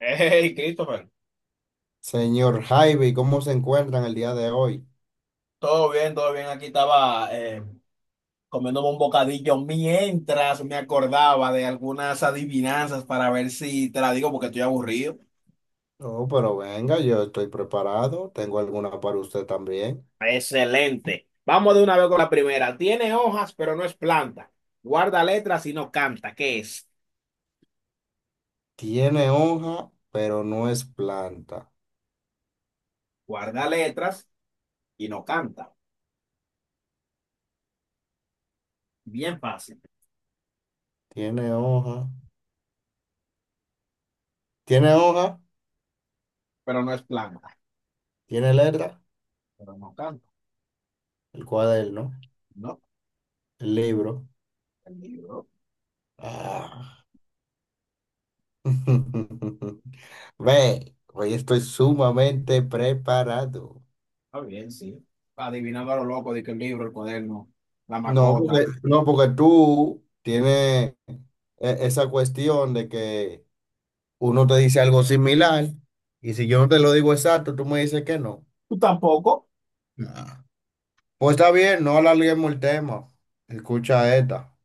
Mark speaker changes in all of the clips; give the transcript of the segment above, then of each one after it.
Speaker 1: Hey, Christopher,
Speaker 2: Señor Javi, ¿cómo se encuentran el día de hoy?
Speaker 1: todo bien, todo bien. Aquí estaba comiéndome un bocadillo mientras me acordaba de algunas adivinanzas para ver si te la digo porque estoy aburrido.
Speaker 2: Oh, pero venga, yo estoy preparado. Tengo alguna para usted también.
Speaker 1: Excelente. Vamos de una vez con la primera. Tiene hojas, pero no es planta. Guarda letras y no canta. ¿Qué es?
Speaker 2: Tiene hoja, pero no es planta.
Speaker 1: Guarda letras y no canta. Bien fácil,
Speaker 2: Tiene hoja. Tiene hoja,
Speaker 1: pero no es planta,
Speaker 2: tiene letra.
Speaker 1: pero no canta.
Speaker 2: El cuaderno,
Speaker 1: No,
Speaker 2: el libro.
Speaker 1: el libro.
Speaker 2: Ah. Ve, hoy estoy sumamente preparado.
Speaker 1: Está bien, sí. Adivinando a lo loco de que el libro, el cuaderno, la
Speaker 2: No,
Speaker 1: macota.
Speaker 2: porque, no, porque tú tienes esa cuestión de que uno te dice algo similar, y si yo no te lo digo exacto, tú me dices que no.
Speaker 1: Tú tampoco.
Speaker 2: Nah. Pues está bien, no alarguemos el tema. Escucha esta.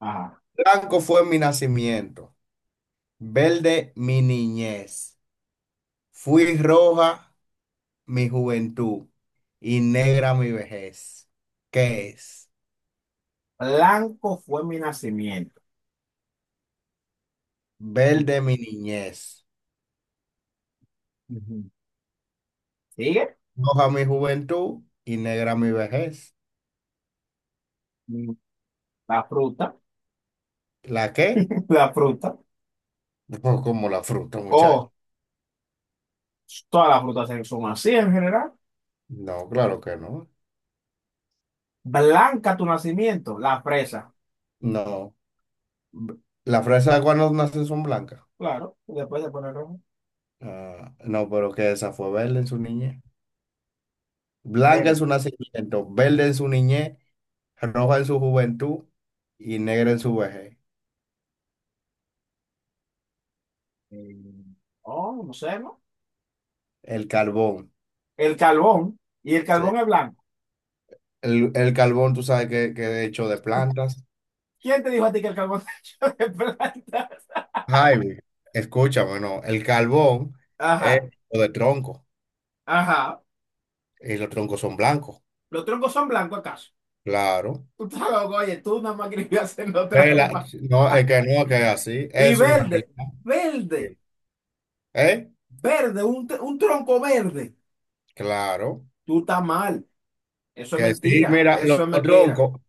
Speaker 1: Ajá.
Speaker 2: Blanco fue mi nacimiento, verde mi niñez, fui roja mi juventud y negra mi vejez. ¿Qué es?
Speaker 1: Blanco fue mi nacimiento.
Speaker 2: Verde mi niñez,
Speaker 1: Ujú. ¿Sigue?
Speaker 2: roja mi juventud y negra mi vejez.
Speaker 1: Mm, la fruta,
Speaker 2: ¿La qué?
Speaker 1: la fruta.
Speaker 2: Pues como la fruta, muchacho.
Speaker 1: O todas las son así en general.
Speaker 2: No, claro que no.
Speaker 1: Blanca tu nacimiento, la fresa.
Speaker 2: No. B- La fresa de cuando nacen son blancas.
Speaker 1: Claro, y después se pone rojo.
Speaker 2: Ah, no, pero que esa fue verde en su niñez. Blanca en
Speaker 1: Verde.
Speaker 2: su nacimiento, verde en su niñez, roja en su juventud y negra en su vejez.
Speaker 1: eh, oh, no sé, ¿no?
Speaker 2: El carbón.
Speaker 1: El carbón. Y el
Speaker 2: Sí.
Speaker 1: carbón es blanco.
Speaker 2: El carbón, tú sabes que es hecho de plantas.
Speaker 1: ¿Quién te dijo a ti que el carbón está hecho de plantas?
Speaker 2: Jaime, escúchame, no. El carbón es
Speaker 1: Ajá,
Speaker 2: hecho de tronco
Speaker 1: ajá.
Speaker 2: y los troncos son blancos,
Speaker 1: ¿Los troncos son blancos acaso?
Speaker 2: claro.
Speaker 1: Tú estabas, oye, tú nada más querías haciendo
Speaker 2: Vela,
Speaker 1: trampa.
Speaker 2: no, es que no, que es así.
Speaker 1: Y
Speaker 2: Es una
Speaker 1: verde,
Speaker 2: realidad. Sí.
Speaker 1: verde,
Speaker 2: ¿Eh?
Speaker 1: verde, un, un tronco verde.
Speaker 2: Claro.
Speaker 1: Tú estás mal. Eso es
Speaker 2: Que sí,
Speaker 1: mentira,
Speaker 2: mira,
Speaker 1: eso
Speaker 2: los,
Speaker 1: es
Speaker 2: los
Speaker 1: mentira.
Speaker 2: troncos,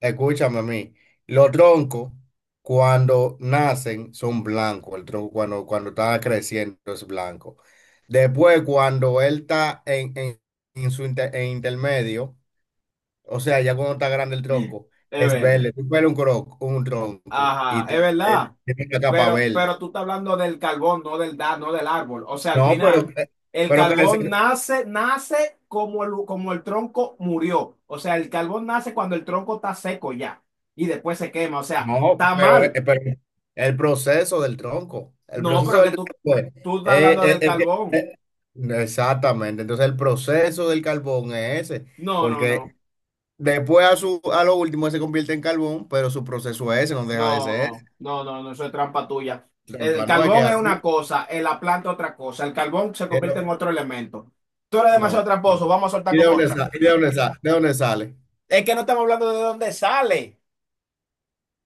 Speaker 2: escúchame a mí, los troncos cuando nacen son blancos, el tronco cuando está creciendo es blanco. Después, cuando él está en su en intermedio, o sea, ya cuando está grande el
Speaker 1: Es
Speaker 2: tronco, es
Speaker 1: verde.
Speaker 2: verde. Tú ves un, un tronco y
Speaker 1: Ajá, es
Speaker 2: te,
Speaker 1: verdad.
Speaker 2: tiene la capa verde.
Speaker 1: Pero tú estás hablando del carbón, no del da, no del árbol. O sea, al
Speaker 2: No,
Speaker 1: final, el
Speaker 2: pero
Speaker 1: carbón
Speaker 2: crece.
Speaker 1: nace, nace como el tronco murió. O sea, el carbón nace cuando el tronco está seco ya. Y después se quema. O sea,
Speaker 2: No,
Speaker 1: está mal.
Speaker 2: pero el proceso del tronco, el
Speaker 1: No,
Speaker 2: proceso
Speaker 1: pero
Speaker 2: del
Speaker 1: que tú,
Speaker 2: tronco es,
Speaker 1: tú estás hablando del carbón.
Speaker 2: exactamente, entonces el proceso del carbón es ese,
Speaker 1: No, no,
Speaker 2: porque
Speaker 1: no.
Speaker 2: después a, su, a lo último se convierte en carbón, pero su proceso es ese, no
Speaker 1: No,
Speaker 2: deja de ser,
Speaker 1: no, no, no, no, eso es trampa tuya.
Speaker 2: ese.
Speaker 1: El
Speaker 2: Trampa, no es que es
Speaker 1: carbón es una
Speaker 2: así,
Speaker 1: cosa, la planta otra cosa. El carbón se convierte
Speaker 2: pero-
Speaker 1: en otro elemento. Tú eres demasiado
Speaker 2: no, no.
Speaker 1: tramposo, vamos a soltar
Speaker 2: ¿Y de
Speaker 1: con
Speaker 2: dónde
Speaker 1: otra.
Speaker 2: sale? ¿Y de dónde sale? ¿De dónde sale?
Speaker 1: Es que no estamos hablando de dónde sale.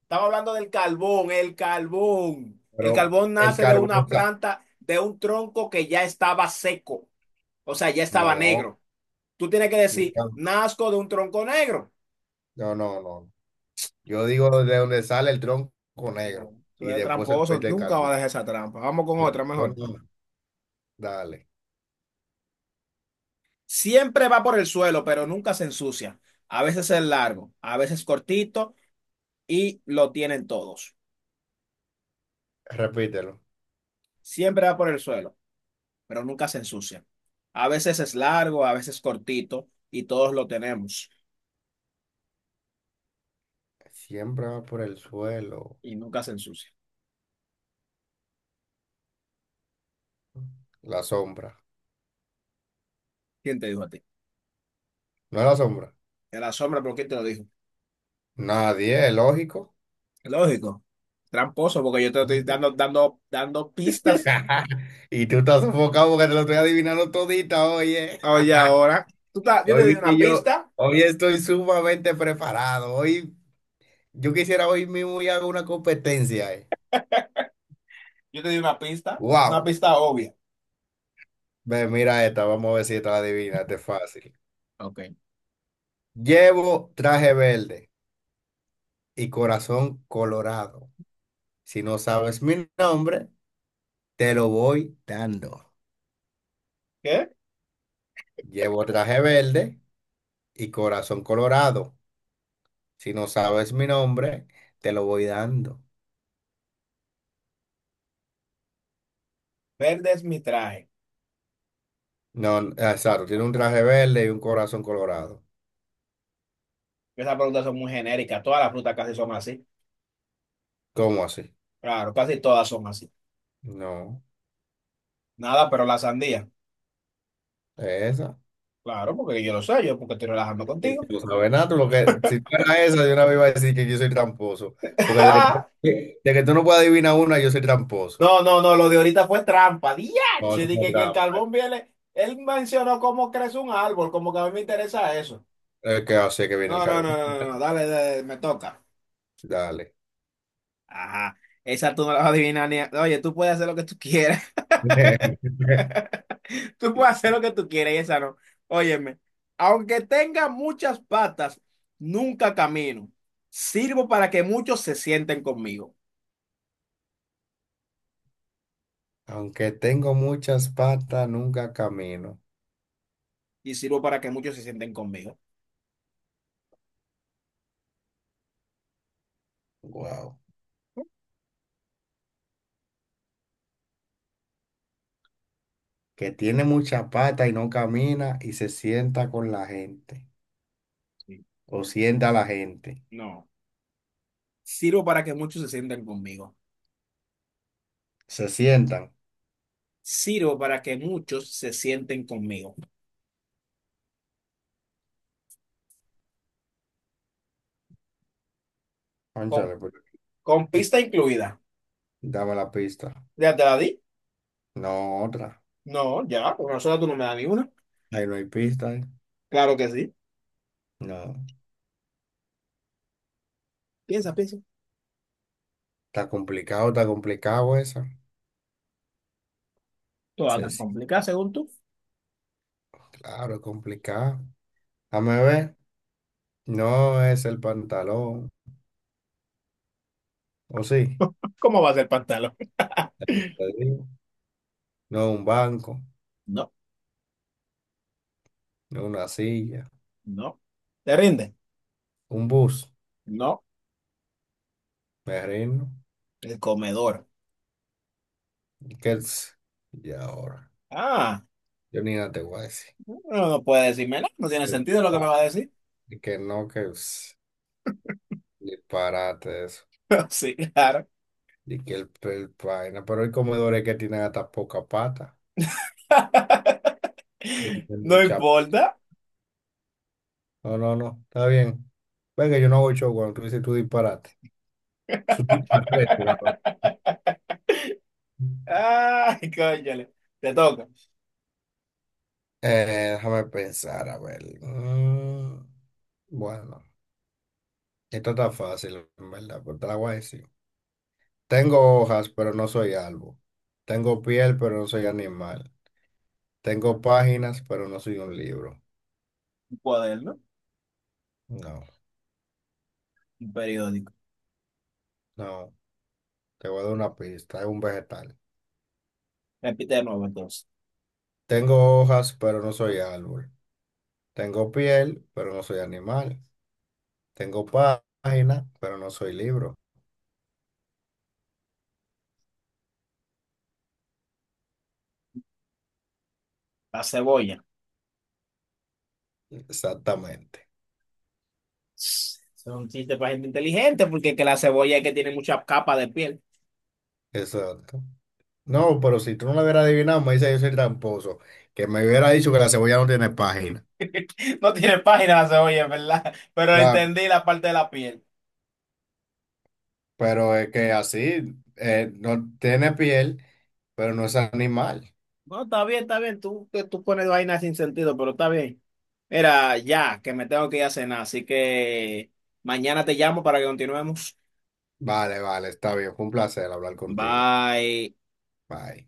Speaker 1: Estamos hablando del carbón, el carbón. El
Speaker 2: Pero
Speaker 1: carbón
Speaker 2: el
Speaker 1: nace de
Speaker 2: carbón
Speaker 1: una
Speaker 2: está,
Speaker 1: planta, de un tronco que ya estaba seco. O sea, ya estaba
Speaker 2: no,
Speaker 1: negro. Tú tienes que decir,
Speaker 2: no,
Speaker 1: nazco de un tronco negro.
Speaker 2: no, yo digo de dónde sale el tronco
Speaker 1: No,
Speaker 2: negro
Speaker 1: tú
Speaker 2: y
Speaker 1: eres
Speaker 2: después se
Speaker 1: tramposo,
Speaker 2: convierte en
Speaker 1: nunca va
Speaker 2: carbón.
Speaker 1: a dejar esa trampa. Vamos con
Speaker 2: Son-
Speaker 1: otra mejor.
Speaker 2: Dale,
Speaker 1: Siempre va por el suelo, pero nunca se ensucia. A veces es largo, a veces cortito y lo tienen todos.
Speaker 2: repítelo.
Speaker 1: Siempre va por el suelo, pero nunca se ensucia. A veces es largo, a veces cortito y todos lo tenemos
Speaker 2: Siempre va por el suelo.
Speaker 1: y nunca se ensucia.
Speaker 2: La sombra.
Speaker 1: ¿Quién te dijo a ti?
Speaker 2: No es la sombra.
Speaker 1: En la sombra, pero ¿quién te lo dijo?
Speaker 2: Nadie, es lógico.
Speaker 1: Lógico, tramposo, porque yo te estoy dando, dando, dando pistas.
Speaker 2: Y tú estás sofocado porque te lo estoy adivinando todita, oye.
Speaker 1: Oye, ahora, yo te
Speaker 2: Hoy
Speaker 1: di
Speaker 2: vi
Speaker 1: una
Speaker 2: que yo,
Speaker 1: pista,
Speaker 2: hoy estoy sumamente preparado. Hoy, yo quisiera hoy mismo ir a una competencia.
Speaker 1: yo te di una
Speaker 2: Wow.
Speaker 1: pista obvia.
Speaker 2: Ve, mira esta, vamos a ver si esta la adivina, esta es fácil.
Speaker 1: Ok.
Speaker 2: Llevo traje verde y corazón colorado. Si no sabes mi nombre, te lo voy dando.
Speaker 1: ¿Qué?
Speaker 2: Llevo traje verde y corazón colorado. Si no sabes mi nombre, te lo voy dando.
Speaker 1: Verde es mi traje.
Speaker 2: No, exacto, tiene un traje verde y un corazón colorado.
Speaker 1: Esas preguntas son muy genéricas. Todas las frutas casi son así.
Speaker 2: ¿Cómo así?
Speaker 1: Claro, casi todas son así.
Speaker 2: No,
Speaker 1: Nada, pero la sandía.
Speaker 2: es esa.
Speaker 1: Claro, porque yo lo sé, yo porque estoy relajando
Speaker 2: Sí.
Speaker 1: contigo.
Speaker 2: Tú no sabes nada, tú lo que, si tú eras esa, yo una vez iba a decir que yo soy tramposo. Porque de que tú no puedes adivinar una, yo soy tramposo.
Speaker 1: No, no, no, lo de ahorita fue trampa.
Speaker 2: No, es
Speaker 1: Diache,
Speaker 2: una
Speaker 1: dije que el
Speaker 2: trampa.
Speaker 1: carbón viene. Él mencionó cómo crece un árbol, como que a mí me interesa eso.
Speaker 2: Es que así que viene
Speaker 1: No,
Speaker 2: el
Speaker 1: no,
Speaker 2: carbón.
Speaker 1: no, no, no, no, dale, dale, me toca.
Speaker 2: Dale.
Speaker 1: Ajá, esa tú no la vas a adivinar ni. A- Oye, tú puedes hacer lo que tú quieras. Tú puedes hacer lo que tú quieras y esa no. Óyeme, aunque tenga muchas patas, nunca camino. Sirvo para que muchos se sienten conmigo.
Speaker 2: Aunque tengo muchas patas, nunca camino.
Speaker 1: Y sirvo para que muchos se sienten conmigo.
Speaker 2: Wow. Que tiene muchas patas y no camina y se sienta con la gente.
Speaker 1: Sí.
Speaker 2: O sienta a la gente.
Speaker 1: No. Sirvo para que muchos se sienten conmigo.
Speaker 2: Se sientan.
Speaker 1: Sirvo para que muchos se sienten conmigo. Con,
Speaker 2: Cónchale,
Speaker 1: con
Speaker 2: y-
Speaker 1: pista incluida.
Speaker 2: dame la pista.
Speaker 1: ¿Ya te la di?
Speaker 2: No, otra.
Speaker 1: No, ya, con nosotros tú no me das ni una.
Speaker 2: Ahí no hay pista, ¿eh?
Speaker 1: Claro que sí.
Speaker 2: No.
Speaker 1: Piensa, piensa.
Speaker 2: Está complicado eso.
Speaker 1: Toda
Speaker 2: Sí,
Speaker 1: tan complicada según tú.
Speaker 2: claro, es complicado. Dame ver. No es el pantalón. ¿O sí?
Speaker 1: ¿Cómo va a ser pantalón?
Speaker 2: Ya lo te digo. No es un banco.
Speaker 1: No,
Speaker 2: No es una silla.
Speaker 1: no. ¿Te rinde?
Speaker 2: Un bus.
Speaker 1: No.
Speaker 2: Me reino.
Speaker 1: El comedor.
Speaker 2: Kels. Y ahora.
Speaker 1: Ah,
Speaker 2: Yo ni nada te voy a decir.
Speaker 1: no, no puede decirme nada. No tiene
Speaker 2: Es
Speaker 1: sentido lo que me
Speaker 2: pa-
Speaker 1: va a decir.
Speaker 2: que no, que es disparate eso.
Speaker 1: Sí, claro.
Speaker 2: Y que el vaina. Pero hay comedores que tienen hasta poca pata. Que tienen
Speaker 1: No
Speaker 2: mucha.
Speaker 1: importa.
Speaker 2: No, no, no. Está bien. Venga, yo no hago show cuando tú dices tú disparate. Su tipo de reto, ¿verdad?
Speaker 1: Ay, cónchale. Te toca.
Speaker 2: Déjame pensar, a ver. Mm, bueno, esto está fácil, en verdad, pero te la voy a decir. Tengo hojas, pero no soy árbol. Tengo piel, pero no soy animal. Tengo páginas, pero no soy un libro.
Speaker 1: Un cuaderno,
Speaker 2: No,
Speaker 1: un periódico.
Speaker 2: no. Te voy a dar una pista. Es un vegetal.
Speaker 1: Repite de nuevo entonces.
Speaker 2: Tengo hojas, pero no soy árbol. Tengo piel, pero no soy animal. Tengo página, pero no soy libro.
Speaker 1: La cebolla.
Speaker 2: Exactamente.
Speaker 1: Es un chiste para gente inteligente porque es que la cebolla es que tiene muchas capas de piel.
Speaker 2: Exacto. No, pero si tú no lo hubieras adivinado, me dice yo soy tramposo. Que me hubiera dicho que la cebolla no tiene página.
Speaker 1: No tiene página la cebolla, es ¿verdad? Pero
Speaker 2: Claro.
Speaker 1: entendí la parte de la piel.
Speaker 2: Pero es que así, no tiene piel, pero no es animal.
Speaker 1: No, está bien, está bien. Tú, que tú pones vainas sin sentido, pero está bien. Era ya, que me tengo que ir a cenar, así que mañana te llamo para que continuemos.
Speaker 2: Vale, vale, está bien. Fue un placer hablar contigo.
Speaker 1: Bye.
Speaker 2: Bye.